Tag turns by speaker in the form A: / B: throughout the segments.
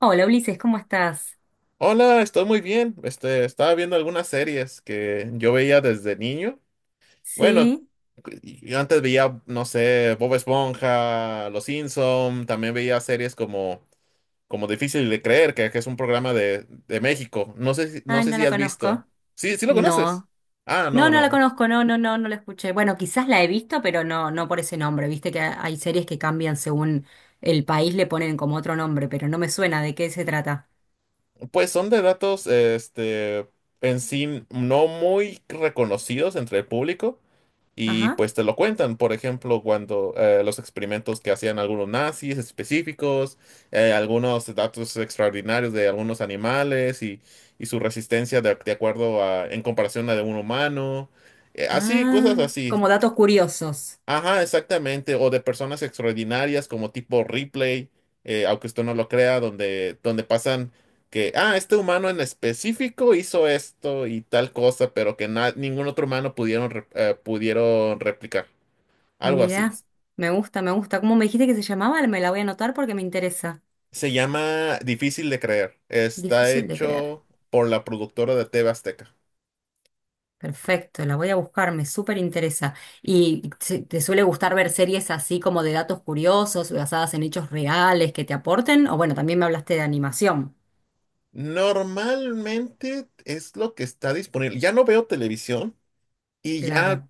A: Hola Ulises, ¿cómo estás?
B: Hola, estoy muy bien. Estaba viendo algunas series que yo veía desde niño. Bueno,
A: Sí.
B: y antes veía, no sé, Bob Esponja, Los Simpson, también veía series como Difícil de Creer, que es un programa de México. No sé, no
A: Ah,
B: sé
A: no
B: si
A: la
B: has visto.
A: conozco.
B: Sí, sí lo conoces.
A: No.
B: Ah,
A: No,
B: no,
A: no la
B: no.
A: conozco, no, no, no, no la escuché. Bueno, quizás la he visto, pero no, no por ese nombre. Viste que hay series que cambian según el país, le ponen como otro nombre, pero no me suena de qué se trata.
B: Pues son de datos, en sí no muy reconocidos entre el público. Y
A: Ajá.
B: pues te lo cuentan, por ejemplo, cuando los experimentos que hacían algunos nazis específicos, algunos datos extraordinarios de algunos animales y su resistencia de acuerdo a, en comparación a de un humano, así, cosas
A: Ah,
B: así.
A: como datos curiosos.
B: Ajá, exactamente, o de personas extraordinarias como tipo Ripley, aunque usted no lo crea, donde pasan que, este humano en específico hizo esto y tal cosa, pero que ningún otro humano pudieron, pudieron replicar. Algo
A: Mirá,
B: así.
A: me gusta, me gusta. ¿Cómo me dijiste que se llamaba? Me la voy a anotar porque me interesa.
B: Se llama Difícil de Creer. Está
A: Difícil de creer.
B: hecho por la productora de TV Azteca.
A: Perfecto, la voy a buscar, me súper interesa. ¿Y te suele gustar ver series así como de datos curiosos, basadas en hechos reales que te aporten? O bueno, también me hablaste de animación.
B: Normalmente es lo que está disponible. Ya no veo televisión y ya,
A: Claro.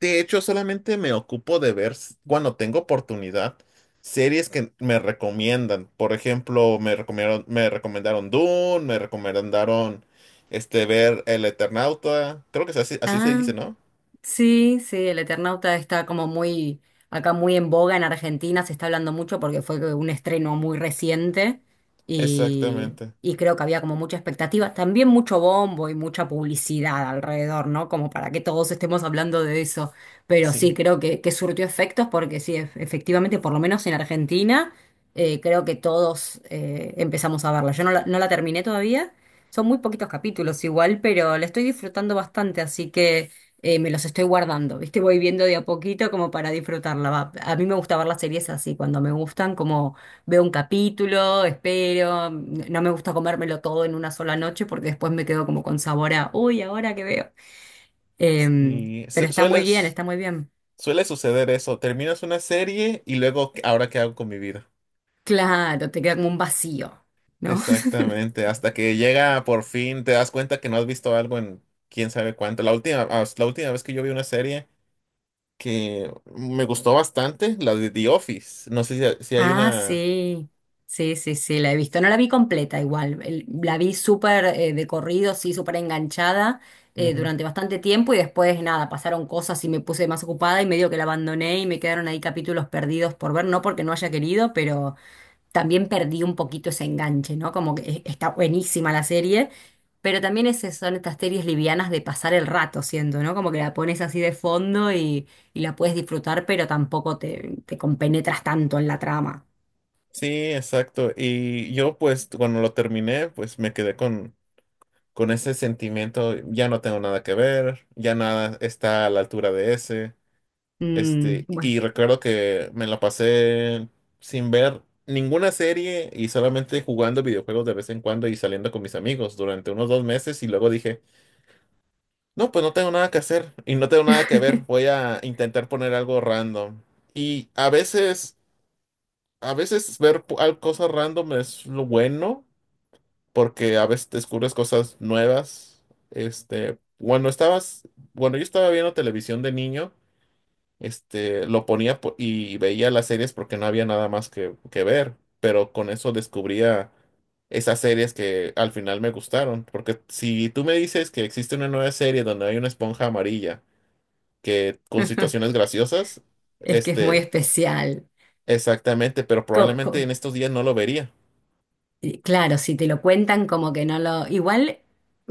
B: de hecho, solamente me ocupo de ver, cuando tengo oportunidad, series que me recomiendan. Por ejemplo, me recomendaron Dune, me recomendaron ver El Eternauta. Creo que es así, así se
A: Ah,
B: dice, ¿no?
A: sí, sí, el Eternauta está como muy, acá muy en boga en Argentina, se está hablando mucho porque fue un estreno muy reciente y,
B: Exactamente.
A: y creo que había como mucha expectativa, también mucho bombo y mucha publicidad alrededor, ¿no? Como para que todos estemos hablando de eso, pero
B: Sí.
A: sí, creo que surtió efectos porque sí, efectivamente, por lo menos en Argentina, creo que todos empezamos a verla. Yo no la, no la terminé todavía, son muy poquitos capítulos igual, pero la estoy disfrutando bastante, así que me los estoy guardando, ¿viste? Voy viendo de a poquito como para disfrutarla. Va. A mí me gusta ver las series así, cuando me gustan, como veo un capítulo, espero, no me gusta comérmelo todo en una sola noche porque después me quedo como con sabor a, uy, ahora que veo. Em,
B: Y
A: pero está muy bien,
B: sueles.
A: está muy bien.
B: Suele suceder eso, terminas una serie y luego, "¿Ahora qué hago con mi vida?".
A: Claro, te queda como un vacío, ¿no?
B: Exactamente, hasta que llega por fin, te das cuenta que no has visto algo en quién sabe cuánto. La última vez que yo vi una serie que me gustó bastante, la de The Office, no sé si hay
A: Ah,
B: una.
A: sí, sí, sí, sí, la he visto. No la vi completa igual, la vi súper de corrido, sí, súper enganchada
B: Ujú.
A: durante bastante tiempo y después nada, pasaron cosas y me puse más ocupada y medio que la abandoné y me quedaron ahí capítulos perdidos por ver, no porque no haya querido, pero también perdí un poquito ese enganche, ¿no? Como que está buenísima la serie, pero también esas son estas series livianas de pasar el rato, siendo, ¿no? Como que la pones así de fondo y la puedes disfrutar, pero tampoco te, te compenetras tanto en la trama.
B: Sí, exacto, y yo pues cuando lo terminé, pues me quedé con ese sentimiento, ya no tengo nada que ver, ya nada está a la altura de ese.
A: Mm, bueno,
B: Y recuerdo que me la pasé sin ver ninguna serie y solamente jugando videojuegos de vez en cuando y saliendo con mis amigos durante unos 2 meses y luego dije, no, pues no tengo nada que hacer y no tengo nada que ver, voy a intentar poner algo random. Y a veces ver cosas random es lo bueno porque a veces descubres cosas nuevas. Este, cuando estabas, Cuando yo estaba viendo televisión de niño, lo ponía y veía las series porque no había nada más que ver, pero con eso descubría esas series que al final me gustaron, porque si tú me dices que existe una nueva serie donde hay una esponja amarilla que con situaciones graciosas,
A: es que es muy
B: este,
A: especial.
B: exactamente, pero
A: Co-
B: probablemente en
A: co-
B: estos días no lo vería.
A: y claro, si te lo cuentan como que no lo... Igual,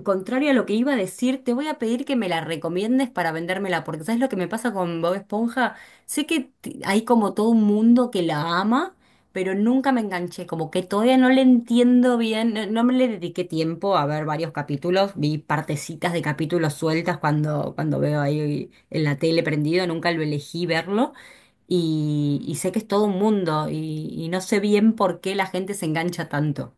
A: contrario a lo que iba a decir, te voy a pedir que me la recomiendes para vendérmela, porque ¿sabes lo que me pasa con Bob Esponja? Sé que hay como todo un mundo que la ama, pero nunca me enganché, como que todavía no le entiendo bien, no, no me le dediqué tiempo a ver varios capítulos, vi partecitas de capítulos sueltas cuando, cuando veo ahí en la tele prendido, nunca lo elegí verlo. Y, y sé que es todo un mundo y no sé bien por qué la gente se engancha tanto.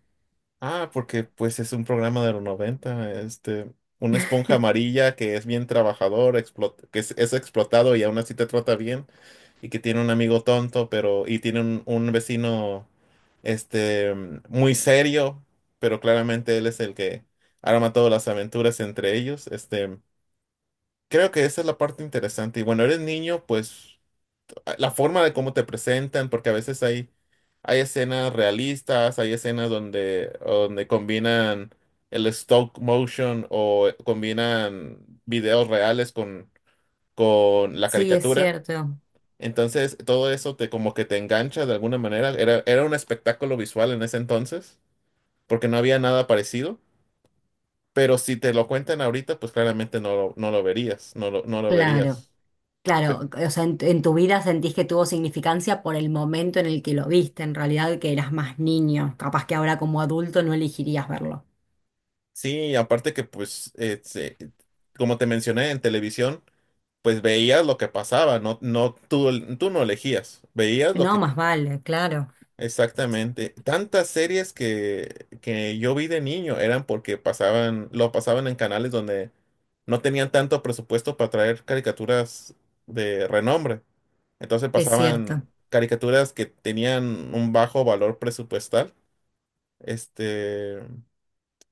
B: Ah, porque pues es un programa de los noventa, una esponja amarilla que es bien trabajador, que es explotado y aún así te trata bien. Y que tiene un amigo tonto, pero y tiene un vecino muy serio, pero claramente él es el que arma todas las aventuras entre ellos. Creo que esa es la parte interesante. Y bueno, eres niño, pues la forma de cómo te presentan, porque a veces hay escenas realistas, hay escenas donde combinan el stop motion o combinan videos reales con la
A: Sí, es
B: caricatura.
A: cierto.
B: Entonces, todo eso te como que te engancha de alguna manera. Era un espectáculo visual en ese entonces, porque no había nada parecido. Pero si te lo cuentan ahorita, pues claramente no lo verías, no lo
A: Claro,
B: verías.
A: claro.
B: Pe-
A: O sea, en tu vida sentís que tuvo significancia por el momento en el que lo viste, en realidad que eras más niño. Capaz que ahora como adulto no elegirías verlo.
B: sí, aparte que pues, como te mencioné, en televisión, pues veías lo que pasaba, no, no, tú no elegías, veías lo
A: No,
B: que.
A: más vale, claro.
B: Exactamente. Tantas series que yo vi de niño eran porque lo pasaban en canales donde no tenían tanto presupuesto para traer caricaturas de renombre. Entonces
A: Es
B: pasaban
A: cierto.
B: caricaturas que tenían un bajo valor presupuestal. Este,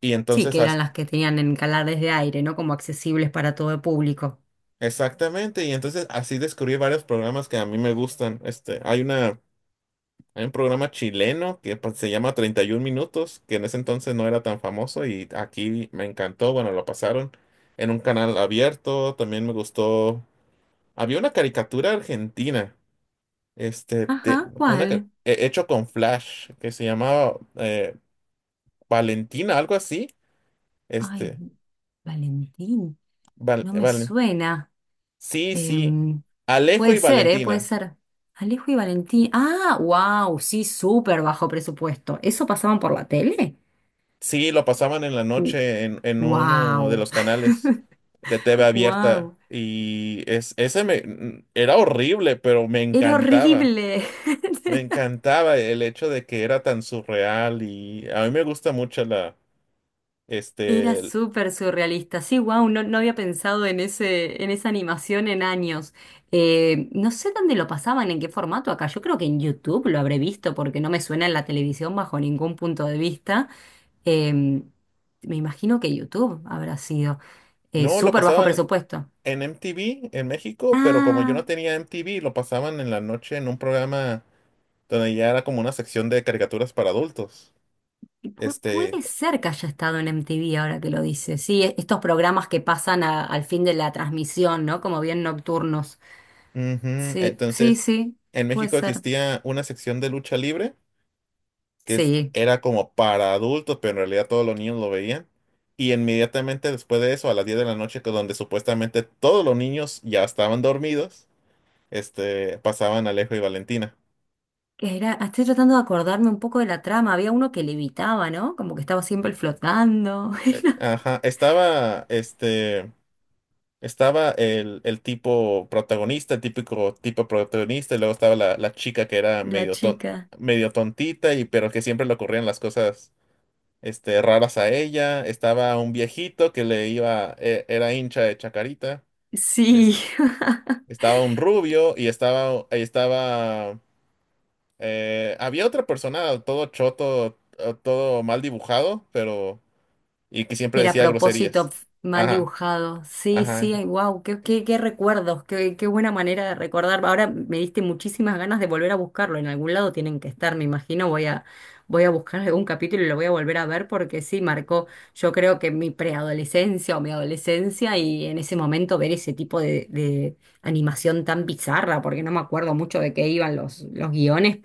B: y
A: Sí,
B: entonces,
A: que eran las que tenían en canales de aire, ¿no? Como accesibles para todo el público.
B: exactamente, y entonces así descubrí varios programas que a mí me gustan. Hay un programa chileno que se llama 31 Minutos, que en ese entonces no era tan famoso y aquí me encantó. Bueno, lo pasaron en un canal abierto. También me gustó. Había una caricatura argentina,
A: Ajá, ¿cuál?
B: hecho con Flash, que se llamaba Valentina, algo así.
A: Ay,
B: Este,
A: Valentín,
B: Val-
A: no me
B: Valen-
A: suena.
B: sí, sí.
A: Em,
B: Alejo
A: Puede
B: y
A: ser, ¿eh? Puede
B: Valentina.
A: ser. Alejo y Valentín. Ah, wow, sí, súper bajo presupuesto. ¿Eso pasaban por la tele?
B: Sí, lo pasaban en la noche en uno de
A: Wow,
B: los canales de TV abierta
A: wow.
B: y es, ese me, n- era horrible, pero me
A: Era
B: encantaba.
A: horrible.
B: Me encantaba el hecho de que era tan surreal y a mí me gusta mucho
A: Era
B: este, el-
A: súper surrealista. Sí, wow, no, no había pensado en ese, en esa animación en años. No sé dónde lo pasaban, en qué formato acá. Yo creo que en YouTube lo habré visto porque no me suena en la televisión bajo ningún punto de vista. Em, Me imagino que YouTube habrá sido.
B: no, lo
A: Súper bajo
B: pasaban
A: presupuesto.
B: en MTV en México, pero como yo no
A: Ah,
B: tenía MTV, lo pasaban en la noche en un programa donde ya era como una sección de caricaturas para adultos.
A: y
B: Este,
A: puede ser que haya estado en MTV ahora que lo dice. Sí, estos programas que pasan al fin de la transmisión, ¿no? Como bien nocturnos.
B: Ujú.
A: Sí, sí,
B: Entonces,
A: sí,
B: en
A: puede
B: México
A: ser.
B: existía una sección de lucha libre que
A: Sí.
B: era como para adultos, pero en realidad todos los niños lo veían. Y inmediatamente después de eso, a las 10 de la noche, que donde supuestamente todos los niños ya estaban dormidos, pasaban Alejo y Valentina.
A: Que era, estoy tratando de acordarme un poco de la trama. Había uno que levitaba, ¿no? Como que estaba siempre flotando.
B: Ajá, estaba el tipo protagonista, el típico tipo protagonista, y luego estaba la chica que era
A: La chica.
B: medio tontita, y pero que siempre le ocurrían las cosas raras a ella. Estaba un viejito que era hincha de Chacarita. Es-
A: Sí.
B: Estaba un rubio . Había otra persona, todo choto, todo mal dibujado, pero, y que siempre
A: Que era a
B: decía
A: propósito
B: groserías.
A: mal
B: Ajá,
A: dibujado. Sí,
B: ajá.
A: sí, wow, qué, qué, qué recuerdos, qué, qué buena manera de recordar. Ahora me diste muchísimas ganas de volver a buscarlo. En algún lado tienen que estar, me imagino. Voy a, voy a buscar algún capítulo y lo voy a volver a ver porque sí, marcó, yo creo que mi preadolescencia o mi adolescencia y en ese momento ver ese tipo de animación tan bizarra, porque no me acuerdo mucho de qué iban los guiones,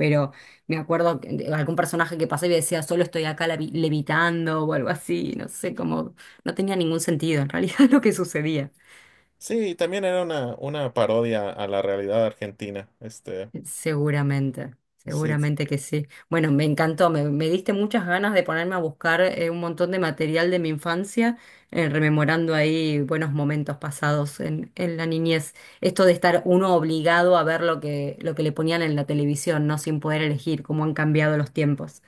A: me acuerdo de algún personaje que pasé y decía, solo estoy acá levitando o algo así, no sé, como no tenía ningún sentido en realidad lo que sucedía.
B: Sí, también era una parodia a la realidad argentina.
A: Seguramente,
B: Sí,
A: seguramente que sí. Bueno, me encantó, me diste muchas ganas de ponerme a buscar un montón de material de mi infancia, rememorando ahí buenos momentos pasados en la niñez. Esto de estar uno obligado a ver lo que le ponían en la televisión, no sin poder elegir cómo han cambiado los tiempos.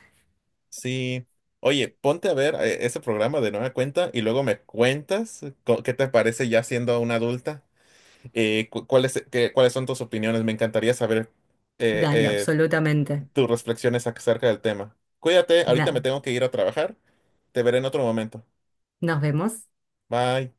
B: sí. Oye, ponte a ver ese programa de nueva cuenta y luego me cuentas qué te parece ya siendo una adulta. ¿Cuáles son tus opiniones? Me encantaría saber eh,
A: Dale,
B: eh,
A: absolutamente.
B: tus reflexiones acerca del tema. Cuídate, ahorita me
A: Dale.
B: tengo que ir a trabajar. Te veré en otro momento.
A: Nos vemos.
B: Bye.